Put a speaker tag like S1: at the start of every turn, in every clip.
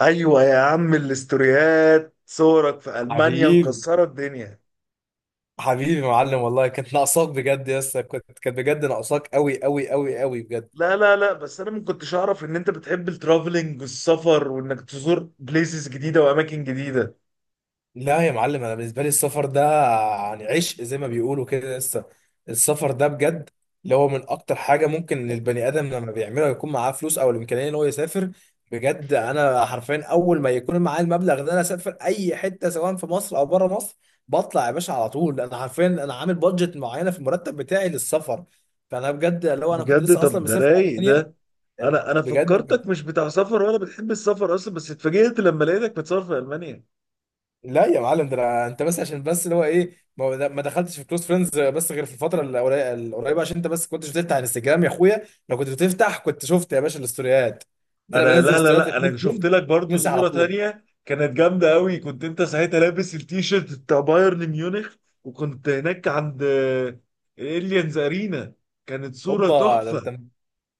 S1: ايوه يا عم، الاستوريات صورك في المانيا
S2: حبيبي
S1: مكسره الدنيا.
S2: حبيبي يا معلم، والله كانت ناقصاك بجد يا اسطى. كانت بجد ناقصاك قوي قوي قوي قوي بجد.
S1: لا لا لا، بس انا ما كنتش اعرف ان انت بتحب الترافلنج والسفر، وانك تزور بليسز جديده واماكن جديده.
S2: لا يا معلم، انا بالنسبه لي السفر ده يعني عشق زي ما بيقولوا كده. لسه السفر ده بجد اللي هو من اكتر حاجه ممكن البني ادم لما بيعملها يكون معاه فلوس او الامكانيه ان هو يسافر. بجد انا حرفيا اول ما يكون معايا المبلغ ده انا اسافر اي حته سواء في مصر او بره مصر. بطلع يا باشا على طول. انا حرفيا انا عامل بادجت معينه في المرتب بتاعي للسفر. فانا بجد اللي هو انا كنت
S1: بجد؟
S2: لسه اصلا
S1: طب ده
S2: مسافر
S1: رايق ده.
S2: المانيا.
S1: انا
S2: بجد
S1: فكرتك مش بتاع سفر ولا بتحب السفر اصلا، بس اتفاجئت لما لقيتك بتسافر في المانيا.
S2: لا يا معلم، انت بس عشان بس اللي هو ايه ما دخلتش في كلوز فريندز بس غير في الفتره القريبه عشان انت بس كنتش بتفتح انستجرام يا اخويا. لو كنت بتفتح كنت شفت يا باشا الاستوريات. ده انا بنزل
S1: لا لا
S2: استوريات
S1: لا،
S2: الكلوز
S1: انا شفت
S2: فريندز
S1: لك برضو
S2: بتنسى على
S1: صورة
S2: طول.
S1: تانية كانت جامدة قوي، كنت انت ساعتها لابس التيشيرت بتاع بايرن ميونخ، وكنت هناك عند اليانز ارينا. كانت صورة
S2: هوبا ده انت.
S1: تحفة.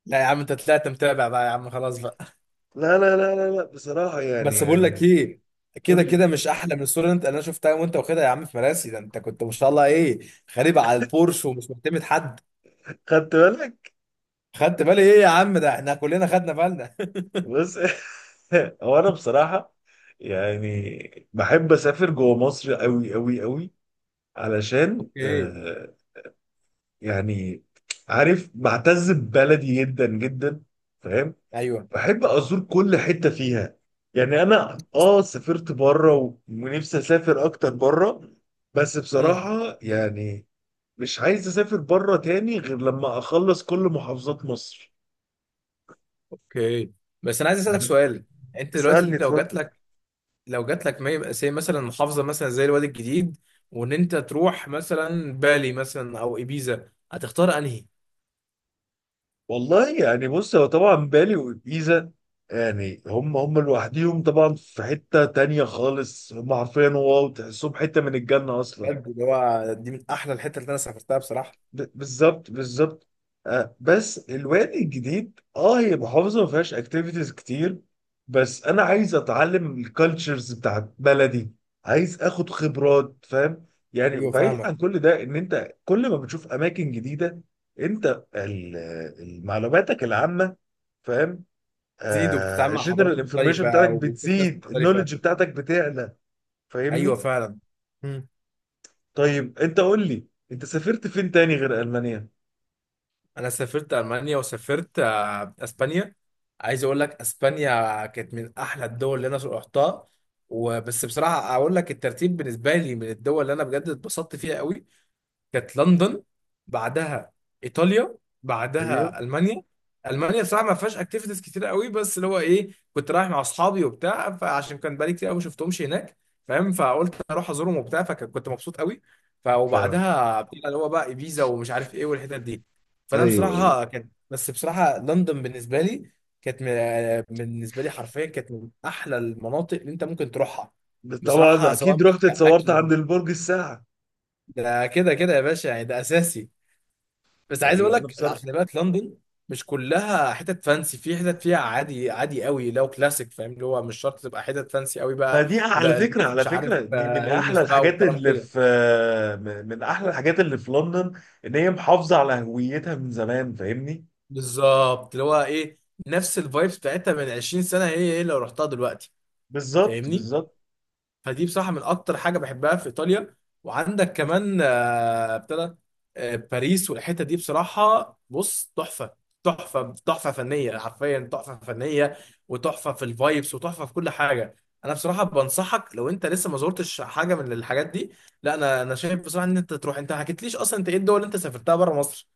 S2: لا يا عم انت طلعت متابع بقى يا عم، خلاص بقى.
S1: لا لا لا لا لا، بصراحة. يعني
S2: بس بقول لك
S1: يعني
S2: ايه، كده
S1: قول لي.
S2: كده مش احلى من الصوره اللي انا شفتها وانت واخدها يا عم في مراسي. ده انت كنت ما شاء الله ايه، غريب على البورش ومش معتمد حد.
S1: خدت بالك؟
S2: خدت بالي ايه يا عم، ده احنا كلنا خدنا بالنا.
S1: بس. هو انا بصراحة، يعني بحب اسافر جوه مصر قوي قوي قوي. علشان
S2: اوكي.
S1: يعني عارف بعتز ببلدي جدا جدا، فاهم؟
S2: ايوه.
S1: بحب ازور كل حته فيها. يعني انا سافرت بره ونفسي اسافر اكتر بره. بس
S2: مم.
S1: بصراحه يعني، مش عايز اسافر بره تاني غير لما اخلص كل محافظات مصر.
S2: اوكي. بس انا عايز اسالك
S1: يعني
S2: سؤال. انت دلوقتي
S1: اسالني،
S2: لو جات
S1: اتفضل.
S2: لك، لو جات لك ما يبقى زي مثلا محافظه مثلا زي الوادي الجديد، وان انت تروح مثلا بالي مثلا او ابيزا، هتختار انهي؟
S1: والله يعني بص، هو طبعا بالي وجيزه. يعني هم هم لوحديهم، طبعا في حته تانيه خالص، هم عارفين، واو تحسهم حته من الجنه اصلا.
S2: بجد اللي هو دي من احلى الحتت اللي انا سافرتها بصراحه.
S1: بالظبط بالظبط. آه، بس الوادي الجديد، هي محافظه ما فيهاش اكتيفيتيز كتير. بس انا عايز اتعلم الكالتشرز بتاعت بلدي. عايز اخد خبرات، فاهم؟ يعني
S2: ايوه
S1: وبعيد
S2: فاهمك.
S1: عن كل ده، ان انت كل ما بتشوف اماكن جديده، انت معلوماتك العامه، فاهم؟
S2: تزيد وبتتعامل مع حضارات
S1: الجنرال انفورميشن
S2: مختلفه
S1: بتاعتك
S2: وبتشوف ناس
S1: بتزيد،
S2: مختلفه.
S1: النولج بتاعتك بتعلى،
S2: ايوه
S1: فاهمني؟
S2: فعلا.
S1: طيب انت قول لي، انت سافرت فين تاني غير المانيا؟
S2: انا سافرت المانيا، وسافرت اسبانيا. عايز اقول لك اسبانيا كانت من احلى الدول اللي انا رحتها. وبس بصراحه اقول لك الترتيب بالنسبه لي من الدول اللي انا بجد اتبسطت فيها قوي، كانت لندن، بعدها ايطاليا،
S1: ايوه
S2: بعدها المانيا. المانيا بصراحه ما فيهاش اكتيفيتيز كتير قوي، بس اللي هو ايه، كنت رايح مع اصحابي وبتاع، فعشان كان بقالي كتير قوي ما شفتهمش هناك، فاهم؟ فقلت اروح ازورهم وبتاع، فكنت مبسوط قوي. ف وبعدها بتاع اللي هو بقى ايبيزا ومش عارف ايه والحتت دي. فانا
S1: ايوه ايوه،
S2: بصراحه كان، بس بصراحه لندن بالنسبه لي كانت، بالنسبه لي حرفيا كانت من احلى المناطق اللي انت ممكن تروحها
S1: طبعا
S2: بصراحه، سواء
S1: اكيد رحت
S2: بقى
S1: اتصورت
S2: كاكل.
S1: عند البرج الساعه.
S2: ده كده كده يا باشا يعني ده اساسي. بس عايز اقول
S1: ايوه، انا
S2: لك،
S1: بصراحه.
S2: خلي بالك لندن مش كلها حتت فانسي، في حتت فيها عادي عادي قوي لو كلاسيك. فاهم اللي هو مش شرط تبقى حتت فانسي قوي
S1: ما
S2: بقى،
S1: دي على
S2: ولا
S1: فكره
S2: لابس
S1: على
S2: مش عارف
S1: فكره دي من احلى
S2: هيرمس بقى
S1: الحاجات
S2: والكلام
S1: اللي
S2: كده.
S1: في، من احلى الحاجات اللي في لندن، ان هي محافظه على هويتها من زمان، فاهمني؟
S2: بالظبط اللي هو ايه، نفس الفايبس بتاعتها من 20 سنه هي هي لو رحتها دلوقتي.
S1: بالظبط
S2: فاهمني؟
S1: بالظبط.
S2: فدي بصراحة من أكتر حاجة بحبها في إيطاليا. وعندك كمان ابتدى باريس والحتة دي بصراحة بص تحفة. تحفة تحفة فنية حرفيا تحفة فنية. وتحفة في الفايبس وتحفة في كل حاجة. أنا بصراحة بنصحك لو أنت لسه ما زرتش حاجة من الحاجات دي. لا أنا شايف بصراحة إن أنت تروح. أنت ما حكيتليش أصلا أنت إيه الدول اللي أنت سافرتها بره مصر؟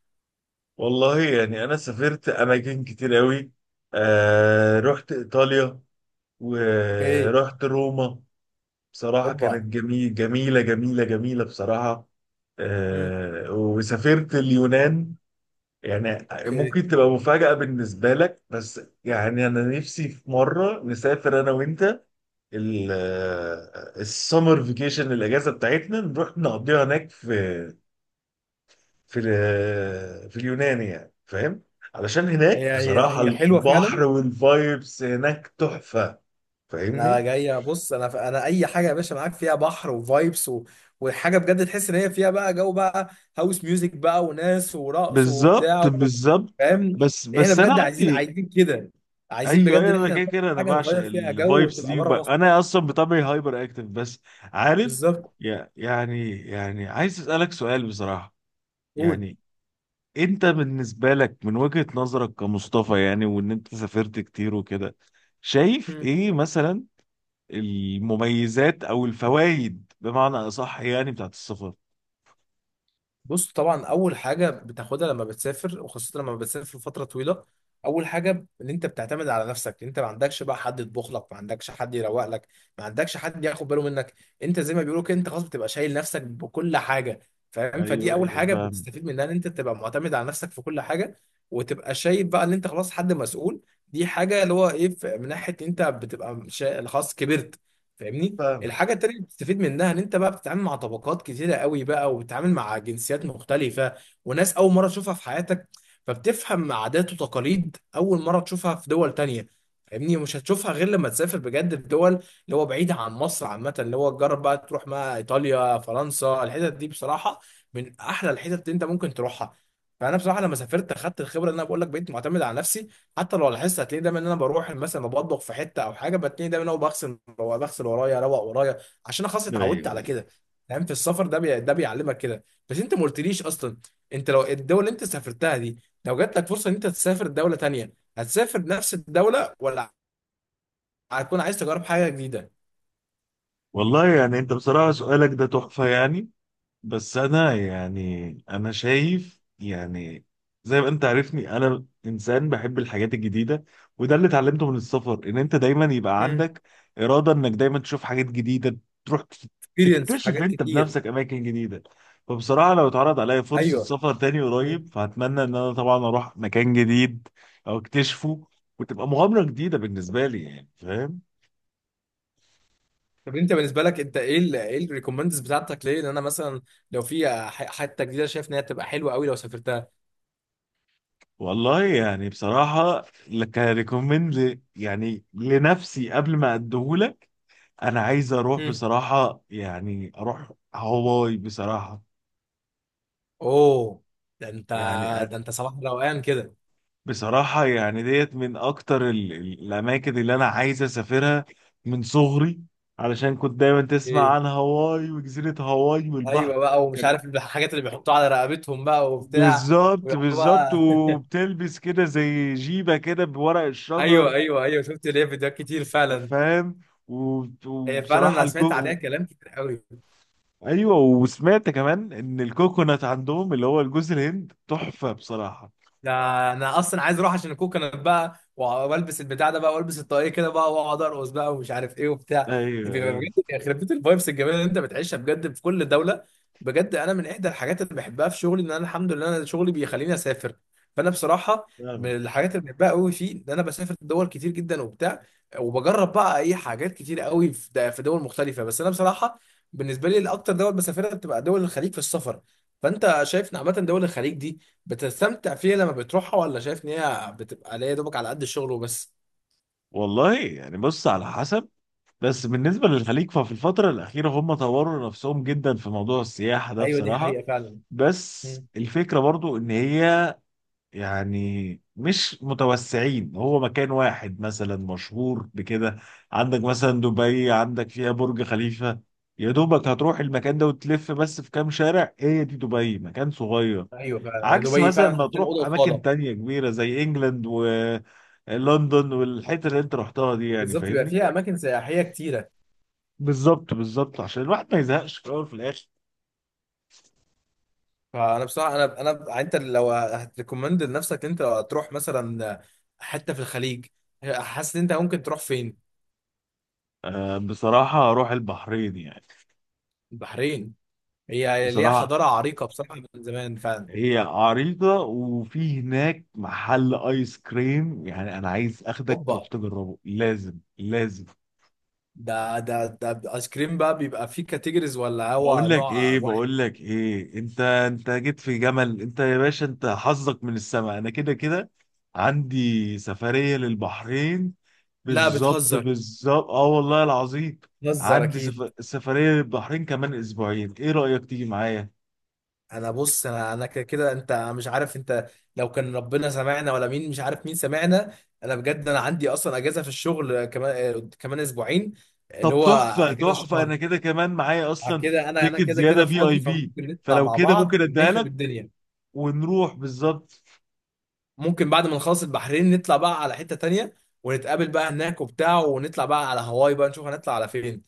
S1: والله يعني انا سافرت اماكن كتير قوي. رحت ايطاليا،
S2: اوكي.
S1: ورحت روما. بصراحه كانت
S2: أوبا.
S1: جميل جميله جميله جميله بصراحه.
S2: مم.
S1: وسافرت اليونان. يعني
S2: اوكي.
S1: ممكن تبقى مفاجأة بالنسبة لك، بس يعني أنا نفسي في مرة نسافر أنا وأنت. ال- السمر فيكيشن، الأجازة بتاعتنا نروح نقضيها هناك في في في اليونان، يعني فاهم؟ علشان هناك
S2: هي هي
S1: بصراحة
S2: هي حلوة
S1: البحر
S2: فعلا.
S1: والفايبس هناك تحفة.
S2: انا
S1: فاهمني؟
S2: جاي. بص انا اي حاجه يا باشا معاك فيها بحر وفايبس وحاجه بجد تحس ان هي فيها بقى جو بقى، هاوس ميوزك بقى وناس ورقص وبتاع
S1: بالظبط بالظبط.
S2: فاهم؟
S1: بس
S2: احنا
S1: بس انا
S2: بجد عايزين
S1: عندي.
S2: عايزين كده، عايزين
S1: ايوه
S2: بجد ان
S1: ايوه، انا
S2: احنا
S1: كده
S2: نروح
S1: كده انا
S2: حاجه
S1: بعشق
S2: نغير فيها جو
S1: الفايبس
S2: وتبقى
S1: دي
S2: بره مصر.
S1: انا اصلا بطبعي هايبر اكتف، بس عارف.
S2: بالظبط.
S1: يعني عايز اسالك سؤال بصراحه.
S2: قول.
S1: يعني انت بالنسبه لك، من وجهه نظرك كمصطفى يعني، وان انت سافرت كتير وكده، شايف ايه مثلا المميزات او الفوائد بمعنى اصح، يعني بتاعت السفر؟
S2: بص طبعا اول حاجه بتاخدها لما بتسافر، وخاصه لما بتسافر فتره طويله، اول حاجه ان انت بتعتمد على نفسك. انت ما عندكش بقى حد يطبخ لك، ما عندكش حد يروق لك، ما عندكش حد ياخد باله منك. انت زي ما بيقولوا كده، انت خلاص بتبقى شايل نفسك بكل حاجه. فاهم؟
S1: ايوه
S2: فدي اول
S1: ايوه
S2: حاجه
S1: فاهم،
S2: بتستفيد منها، ان انت تبقى معتمد على نفسك في كل حاجه. وتبقى شايف بقى ان انت خلاص حد مسؤول. دي حاجه اللي هو ايه من ناحيه انت بتبقى خلاص كبرت. فاهمني؟
S1: فاهم
S2: الحاجة التانية اللي بتستفيد منها ان انت بقى بتتعامل مع طبقات كتيرة قوي بقى، وبتتعامل مع جنسيات مختلفة وناس اول مرة تشوفها في حياتك. فبتفهم عادات وتقاليد اول مرة تشوفها في دول تانية. فاهمني؟ مش هتشوفها غير لما تسافر بجد في دول اللي هو بعيدة عن مصر عامة. اللي هو تجرب بقى تروح ما ايطاليا فرنسا، الحتت دي بصراحة من احلى الحتت اللي انت ممكن تروحها. فانا بصراحة لما سافرت اخدت الخبرة اللي انا بقول لك، بقيت معتمد على نفسي. حتى لو لاحظت هتلاقيه دايما ان انا بروح مثلا بطبخ في حته او حاجه، بتلاقي دايما انا بغسل بغسل ورايا، اروق ورايا، عشان انا خلاص
S1: ايوه
S2: اتعودت على
S1: ايوه.
S2: كده. فاهم؟ في السفر ده بيعلمك كده. بس انت ما قلتليش اصلا انت لو الدول اللي انت سافرتها دي، لو جات لك فرصه ان انت تسافر دوله تانية، هتسافر نفس الدوله ولا هتكون عايز تجرب حاجه جديده؟
S1: والله يعني انت بصراحه سؤالك ده تحفه يعني. بس انا يعني انا شايف يعني، زي ما انت عارفني، انا انسان بحب الحاجات الجديده. وده اللي اتعلمته من السفر، ان انت دايما يبقى
S2: مم.
S1: عندك اراده انك دايما تشوف حاجات جديده، تروح
S2: اكسبيرينس في
S1: تكتشف
S2: حاجات
S1: انت
S2: كتير.
S1: بنفسك اماكن جديده. فبصراحه لو اتعرض عليا فرصه
S2: ايوه.
S1: سفر تاني
S2: مم.
S1: قريب، فهتمنى ان انا طبعا اروح مكان جديد او اكتشفه، وتبقى مغامره جديده بالنسبه لي، يعني فاهم؟
S2: طب انت بالنسبه لك، انت ايه ال ايه الريكومندز بتاعتك ليه، ان انا مثلا لو في حته جديده شايف ان هي تبقى حلوه قوي لو سافرتها؟
S1: والله يعني بصراحة، كريكومند يعني لنفسي قبل ما اديهولك، انا عايز اروح بصراحة، يعني اروح هواي بصراحة.
S2: اوه، ده انت،
S1: يعني
S2: ده انت صباح روقان كده.
S1: بصراحة يعني ديت من اكتر الاماكن اللي انا عايز اسافرها من صغري. علشان كنت دايما تسمع
S2: ايه؟
S1: عن هواي وجزيرة هواي والبحر.
S2: ايوه بقى، ومش
S1: كانت
S2: عارف الحاجات اللي بيحطوها على رقبتهم بقى وبتاع،
S1: بالظبط
S2: ويقعدوا
S1: بالظبط،
S2: بقى.
S1: وبتلبس كده زي جيبة كده بورق الشجر.
S2: ايوه ايوه ايوه، شفت ليه فيديوهات كتير فعلا.
S1: فاهم؟
S2: هي فعلا
S1: وبصراحة
S2: انا سمعت عليها كلام كتير قوي.
S1: ايوه، وسمعت كمان ان الكوكونات عندهم اللي هو الجوز الهند تحفة بصراحة.
S2: ده انا اصلا عايز اروح عشان الكوكونات بقى، والبس البتاع ده بقى، والبس الطاقية كده بقى، واقعد ارقص بقى، ومش عارف ايه وبتاع.
S1: ايوه
S2: بيبقى
S1: ايوه
S2: بجد يخرب بيت الفايبس الجميله اللي انت بتعيشها بجد في كل دوله. بجد انا من احدى الحاجات اللي بحبها في شغلي ان انا، الحمد لله، انا شغلي بيخليني اسافر. فانا بصراحه
S1: فعلا.
S2: من الحاجات اللي بحبها قوي فيه ان انا بسافر دول كتير جدا وبتاع. وبجرب بقى اي حاجات كتير قوي في في دول مختلفه. بس انا بصراحه بالنسبه لي الاكتر دول بسافرها بتبقى دول الخليج في السفر. فانت شايف ان عامه دول الخليج دي بتستمتع فيها لما بتروحها، ولا شايف ان هي بتبقى ليا دوبك على قد الشغل وبس؟
S1: والله يعني بص، على حسب. بس بالنسبة للخليج، ففي الفترة الأخيرة هم طوروا نفسهم جدا في موضوع السياحة ده
S2: ايوه دي
S1: بصراحة.
S2: حقيقه فعلا.
S1: بس
S2: مم.
S1: الفكرة برضو ان هي، يعني مش متوسعين، هو مكان واحد مثلا مشهور بكده. عندك مثلا دبي، عندك فيها برج خليفة. يا دوبك هتروح المكان ده وتلف بس في كام شارع، هي دي دبي مكان صغير.
S2: ايوه فعلا يعني
S1: عكس
S2: دبي
S1: مثلا
S2: فعلا
S1: ما
S2: حاطين اوضه
S1: تروح أماكن
S2: وصاله.
S1: تانية كبيرة زي إنجلاند ولندن والحتة اللي أنت رحتها دي، يعني
S2: بالظبط، بيبقى
S1: فاهمني؟
S2: فيها اماكن سياحيه كتيره.
S1: بالظبط بالظبط، عشان الواحد ما يزهقش في الأول وفي الآخر.
S2: فانا بصراحه انا يعني، انت لو هتريكومند لنفسك انت تروح مثلا حته في الخليج، حاسس ان انت ممكن تروح فين؟
S1: بصراحة أروح البحرين يعني.
S2: البحرين، هي ليها
S1: بصراحة
S2: حضاره عريقه بصراحه من زمان فعلا.
S1: هي عريضة، وفي هناك محل ايس كريم، يعني انا عايز اخدك تروح
S2: اوبا،
S1: تجربه، لازم لازم.
S2: ده ايس كريم بقى بيبقى فيه كاتيجوريز ولا
S1: بقول
S2: هو
S1: لك
S2: نوع
S1: ايه،
S2: واحد؟
S1: بقول لك ايه، انت جيت في جمل، انت يا باشا، انت حظك من السماء. انا كده كده عندي سفرية للبحرين.
S2: لا
S1: بالظبط
S2: بتهزر،
S1: بالظبط، والله العظيم.
S2: بتهزر
S1: عندي
S2: اكيد.
S1: سفرية للبحرين كمان اسبوعين، ايه رأيك تيجي معايا؟
S2: انا بص انا كده كده انت مش عارف، انت لو كان ربنا سمعنا ولا مين مش عارف مين سمعنا. انا بجد انا عندي اصلا اجازه في الشغل كمان كمان اسبوعين. اللي
S1: طب
S2: هو
S1: تحفة
S2: اجازه
S1: تحفة،
S2: شهر.
S1: أنا كده كمان معايا
S2: بعد
S1: أصلا
S2: كده انا
S1: تيكت
S2: كده كده
S1: زيادة في أي
S2: فاضي،
S1: بي.
S2: فممكن نطلع
S1: فلو
S2: مع
S1: كده ممكن
S2: بعض
S1: أديها
S2: ونخرب
S1: لك،
S2: الدنيا.
S1: ونروح بالظبط.
S2: ممكن بعد ما نخلص البحرين نطلع بقى على حته تانية، ونتقابل بقى هناك وبتاع، ونطلع بقى على هواي بقى، نشوف هنطلع على فين.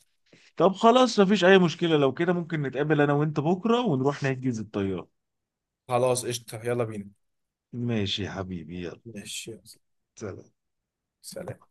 S1: طب خلاص، مفيش أي مشكلة. لو كده ممكن نتقابل أنا وأنت بكرة ونروح نحجز الطيارة.
S2: خلاص قشطه، يلا بينا.
S1: ماشي يا حبيبي، يلا.
S2: ماشي.
S1: سلام.
S2: سلام.